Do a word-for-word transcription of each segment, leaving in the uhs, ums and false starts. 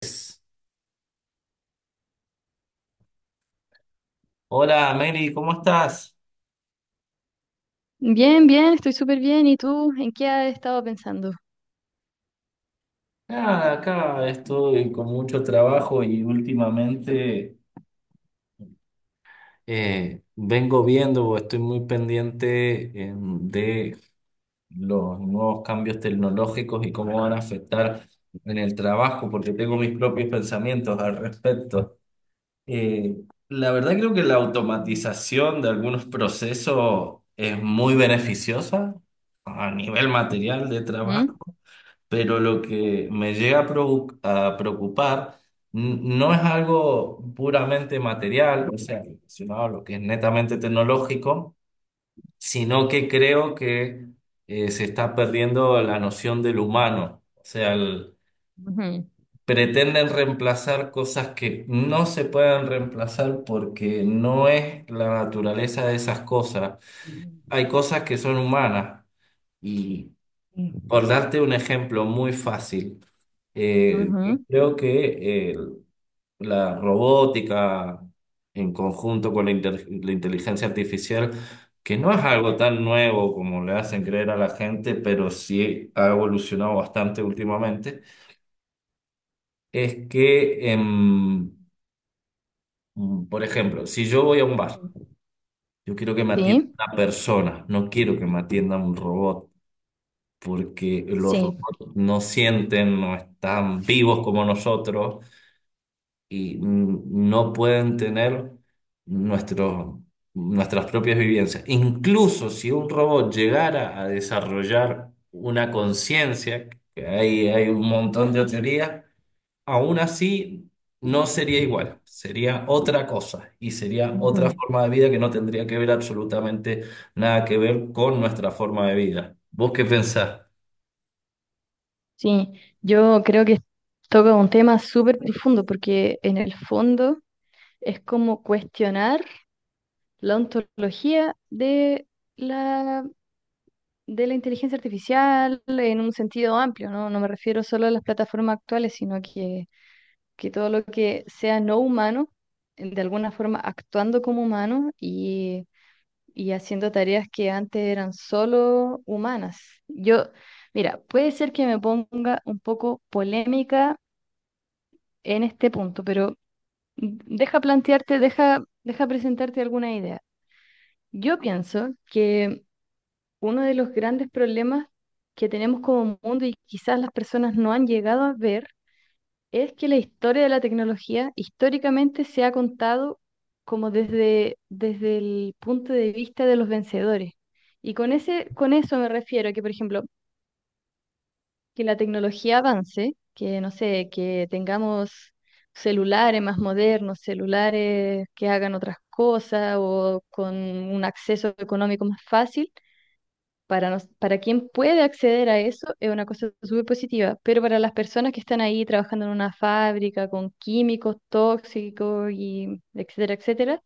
Pues, hola Mary, ¿cómo estás? Bien, bien, estoy súper bien. ¿Y tú en qué has estado pensando? Nada, acá estoy con mucho trabajo y últimamente eh, vengo viendo o estoy muy pendiente em, de los nuevos cambios tecnológicos y cómo van a afectar en el trabajo, porque tengo mis propios pensamientos al respecto. Eh, la verdad creo que la Mm. automatización de algunos procesos es muy beneficiosa a nivel material de ¿Mm? trabajo. Pero lo que me llega a provo- a preocupar, n- no es algo puramente material, o sea, relacionado a lo que es netamente tecnológico, sino que creo que eh, se está perdiendo la noción del humano, o sea, el- Ujú. pretenden reemplazar cosas que no se pueden reemplazar porque no es la naturaleza de esas cosas. Mm. Hay cosas que son humanas. Por darte un ejemplo muy fácil, eh, yo Ujú. creo que eh, la robótica en conjunto con la, inter- la inteligencia artificial, que no es algo tan nuevo como le hacen creer a la gente, pero sí ha evolucionado bastante últimamente, es que, em, mm, por ejemplo, si yo voy a un bar, Ujú. yo quiero que me atienda Sí, una persona, no quiero que me atienda un robot, porque los sí, robots no sienten, no están vivos como nosotros y n- no pueden tener nuestros nuestras propias vivencias. Incluso si un robot llegara a desarrollar una conciencia, que hay, hay un montón de teorías, aún así no sería igual, sería otra cosa y sería otra ujú, forma de vida que no tendría que ver absolutamente nada que ver con nuestra forma de vida. ¿Vos qué pensás? sí. Yo creo que toca un tema súper profundo porque en el fondo es como cuestionar la ontología de la, de la inteligencia artificial en un sentido amplio, ¿no? No me refiero solo a las plataformas actuales, sino que que todo lo que sea no humano, eh, de alguna forma actuando como humano y, y haciendo tareas que antes eran solo humanas. Yo, Mira, puede ser que me ponga un poco polémica en este punto, pero deja plantearte, deja, deja presentarte alguna idea. Yo pienso que uno de los grandes problemas que tenemos como mundo y quizás las personas no han llegado a ver es que la historia de la tecnología históricamente se ha contado como desde, desde el punto de vista de los vencedores. Y con ese, con eso me refiero a que, por ejemplo, que la tecnología avance, que no sé, que tengamos celulares más modernos, celulares que hagan otras cosas o con un acceso económico más fácil para, nos- para quien puede acceder a eso es una cosa súper positiva, pero para las personas que están ahí trabajando en una fábrica con químicos tóxicos y etcétera, etcétera,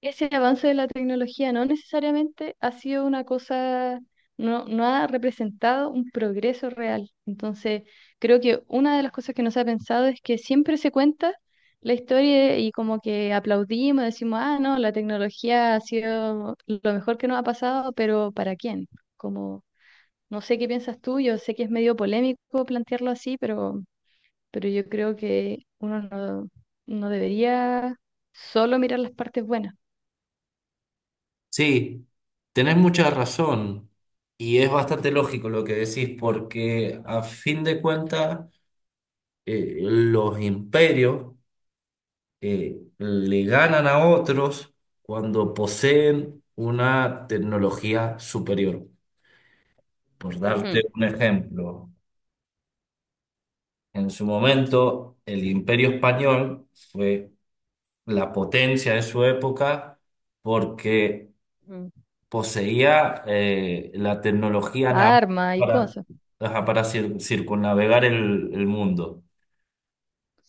ese avance de la tecnología no necesariamente ha sido una cosa, no, no ha representado un progreso real. Entonces, creo que una de las cosas que no se ha pensado es que siempre se cuenta la historia y como que aplaudimos, decimos, ah, no, la tecnología ha sido lo mejor que nos ha pasado, pero ¿para quién? Como, no sé qué piensas tú, yo sé que es medio polémico plantearlo así, pero, pero yo creo que uno no, no debería solo mirar las partes buenas. Sí, tenés mucha razón y es bastante lógico lo que decís porque a fin de cuentas eh, los imperios eh, le ganan a otros cuando poseen una tecnología superior. Por darte un ejemplo, en su momento el imperio español fue la potencia de su época porque poseía eh, la tecnología naval Arma y para, cosas. ajá, para cir- circunnavegar el, el mundo.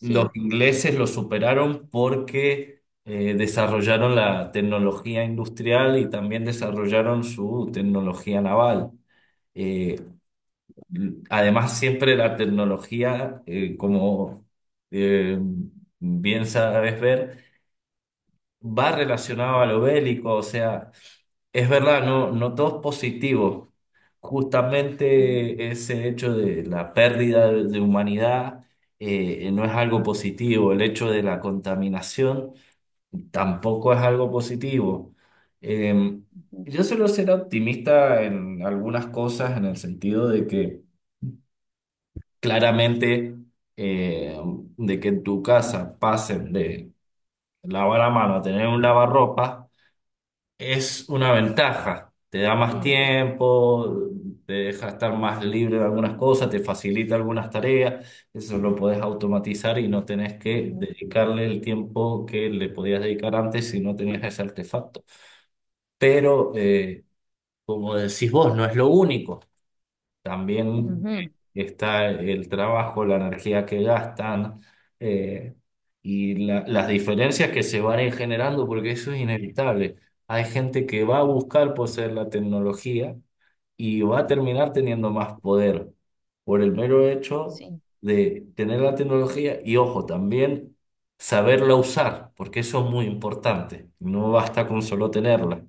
Los ingleses lo superaron porque eh, desarrollaron la tecnología industrial y también desarrollaron su tecnología naval. Eh, además, siempre la tecnología, eh, como eh, bien sabes ver, va relacionado a lo bélico, o sea, es verdad, no, no todo es positivo. Ujú. Justamente ese hecho de la pérdida de, de humanidad eh, no es algo positivo, el hecho de la contaminación tampoco es algo positivo. Eh, Ujú. yo suelo ser optimista en algunas cosas, en el sentido de que claramente eh, de que en tu casa pasen de lavar a mano a tener un lavarropa. Es una ventaja, te da más Sí. tiempo, te deja estar más libre de algunas Ujú. cosas, te facilita algunas tareas, eso lo podés automatizar y no tenés que Ujú. dedicarle el tiempo que le podías dedicar antes si no tenías ese artefacto. Pero, eh, como decís vos, no es lo único. También Ujú. está el trabajo, la energía que gastan eh, y la- las diferencias que se van a ir generando, porque eso es inevitable. Hay gente que va a buscar poseer la tecnología y va a terminar teniendo más poder por el mero hecho Sí, de tener la tecnología y, ojo, también saberla usar, porque eso es muy importante. No basta con solo tenerla.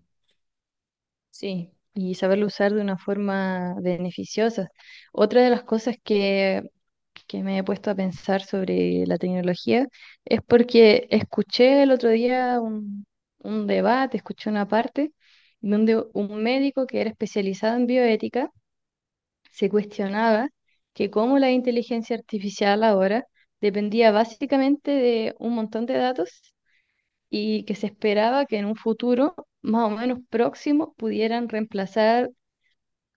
sí. Y saberlo usar de una forma beneficiosa. Otra de las cosas que, que me he puesto a pensar sobre la tecnología es porque escuché el otro día un, un debate, escuché una parte donde un médico que era especializado en bioética se cuestionaba que cómo la inteligencia artificial ahora dependía básicamente de un montón de datos y que se esperaba que en un futuro más o menos próximo pudieran reemplazar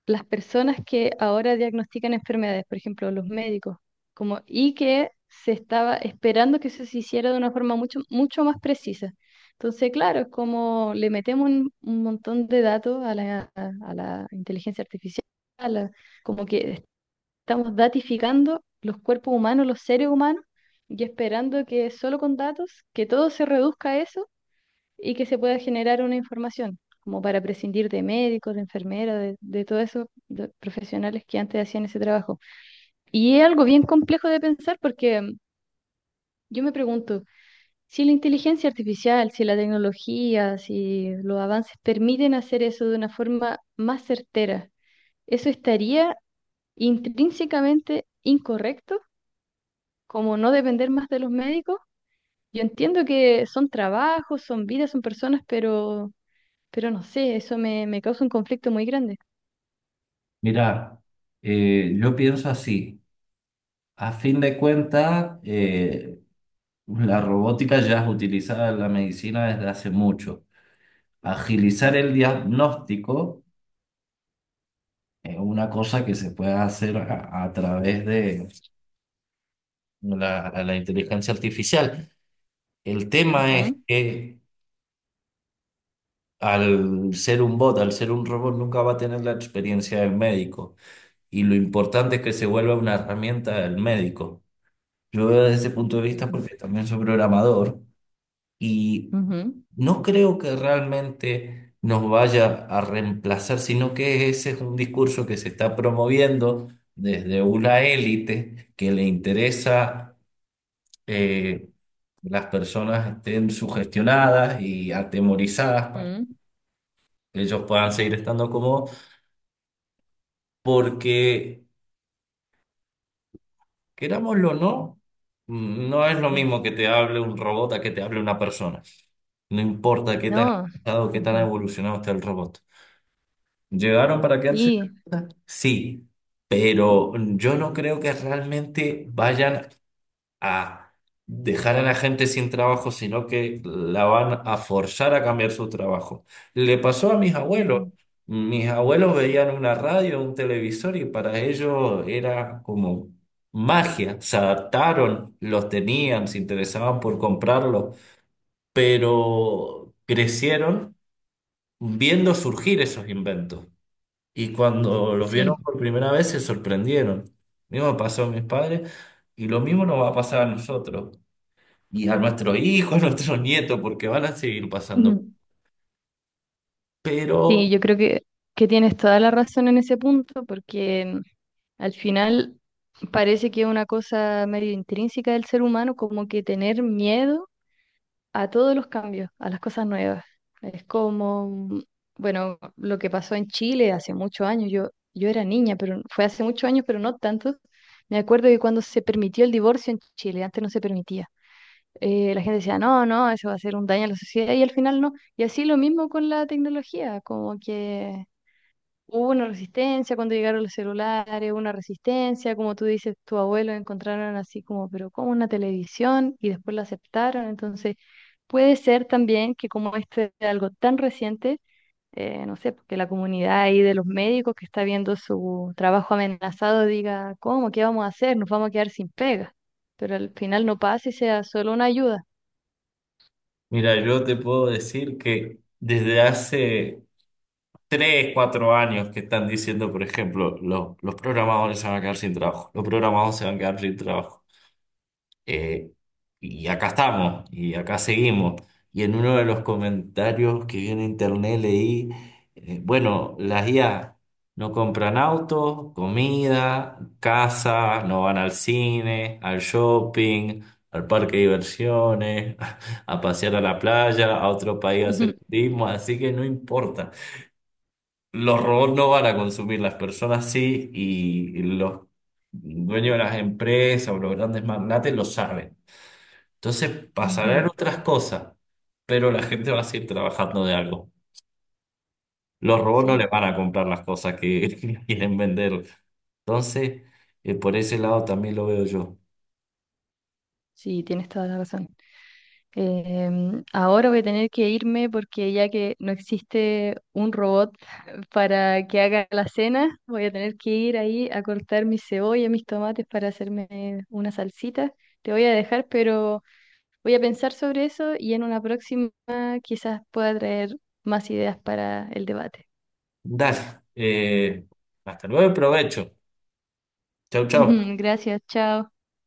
las personas que ahora diagnostican enfermedades, por ejemplo, los médicos, como, y que se estaba esperando que eso se hiciera de una forma mucho, mucho más precisa. Entonces, claro, es como le metemos un, un montón de datos a la, a la inteligencia artificial, a la- como que estamos datificando los cuerpos humanos, los seres humanos, y esperando que solo con datos, que todo se reduzca a eso y que se pueda generar una información, como para prescindir de médicos, de enfermeras, de, de todos esos do- profesionales que antes hacían ese trabajo. Y es algo bien complejo de pensar porque mm, yo me pregunto, si la inteligencia artificial, si la tecnología, si los avances permiten hacer eso de una forma más certera, ¿eso estaría intrínsecamente incorrecto? Como no depender más de los médicos. Yo entiendo que son trabajos, son vidas, son personas, pero, pero no sé, eso me, me causa un conflicto muy grande. Mira, eh, yo pienso así. A fin de cuentas, eh, la robótica ya es utilizada en la medicina desde hace mucho. Agilizar el diagnóstico es una cosa que se puede hacer a, a través de la, la inteligencia artificial. El tema es Ujú, que al ser un bot, al ser un robot, nunca va a tener la experiencia del médico. Y lo importante es que se vuelva una herramienta del médico. Yo veo desde ese punto de vista ujú, porque también soy programador. Y ujú, no creo que realmente nos vaya a reemplazar, sino que ese es un discurso que se está promoviendo desde una élite que le interesa eh, las personas estén sugestionadas y atemorizadas para ujú, que ellos puedan seguir estando cómodos, porque querámoslo o no, mm, no es lo mismo ujú, que te hable un robot a que te hable una persona. No importa qué tan no, avanzado, qué tan ujú, evolucionado esté el robot. ¿Llegaron para quedarse? sí, Sí, pero yo no creo que realmente vayan a dejar a la gente sin trabajo, sino que la van a forzar a cambiar su trabajo. Le pasó a mis abuelos. ujú. Mis abuelos veían una radio, un televisor y para ellos era como magia. Se adaptaron, los tenían, se interesaban por comprarlos, pero crecieron viendo surgir esos inventos. Y cuando los vieron Sí. por primera vez se sorprendieron. Lo mismo pasó a mis padres y lo mismo nos va a pasar a nosotros y a nuestros hijos, a nuestros nietos, porque van a seguir pasando. Ujú. Sí, Pero, yo creo que, que tienes toda la razón en ese punto, porque al final parece que es una cosa medio intrínseca del ser humano, como que tener miedo a todos los cambios, a las cosas nuevas. Es como, mm, bueno, lo que pasó en Chile hace muchos años, yo, yo era niña, pero fue hace muchos años, pero no tantos. Me acuerdo que cuando se permitió el divorcio en Chile, antes no se permitía. eh, la gente decía, no, no, eso va a hacer un daño a la sociedad y al final no. Y así lo mismo con la tecnología, como que hubo una resistencia cuando llegaron los celulares, una resistencia, como tú dices, tu abuelo encontraron así como, pero como una televisión y después la aceptaron. Entonces, puede ser también que como este es algo tan reciente, eh, no sé, porque la comunidad ahí de los médicos que está viendo su trabajo amenazado diga, ¿cómo? ¿Qué vamos a hacer? Nos vamos a quedar sin pega. Pero al final no pasa y sea solo una ayuda. mira, yo te puedo decir que desde hace tres cuatro años que están diciendo, por ejemplo, los, los programadores se van a quedar sin trabajo, los programadores se van a quedar sin trabajo. Eh, y acá estamos, y acá seguimos. Y en uno de los comentarios que vi en internet leí, eh, bueno, las I A no compran autos, comida, casa, no van al cine, al shopping, al parque de diversiones, a pasear a la playa, a otro país a hacer turismo, así que no importa. Los robots no van a consumir, las personas sí, y los dueños de las empresas o los grandes magnates lo saben. Entonces Ujú. pasarán otras cosas, pero la gente va a seguir trabajando de algo. Los robots no le Sí. van a comprar las cosas que quieren vender. Entonces, eh, por ese lado también lo veo yo. Sí, tienes toda la razón. Em, ahora voy a tener que irme porque ya que no existe un robot para que haga la cena, voy a tener que ir ahí a cortar mis cebollas, mis tomates para hacerme una salsita. Te voy a dejar, pero voy a pensar sobre eso y en una próxima quizás pueda traer más ideas para el debate. Dale, eh, hasta luego y provecho. Chau, chau. Gracias, chao.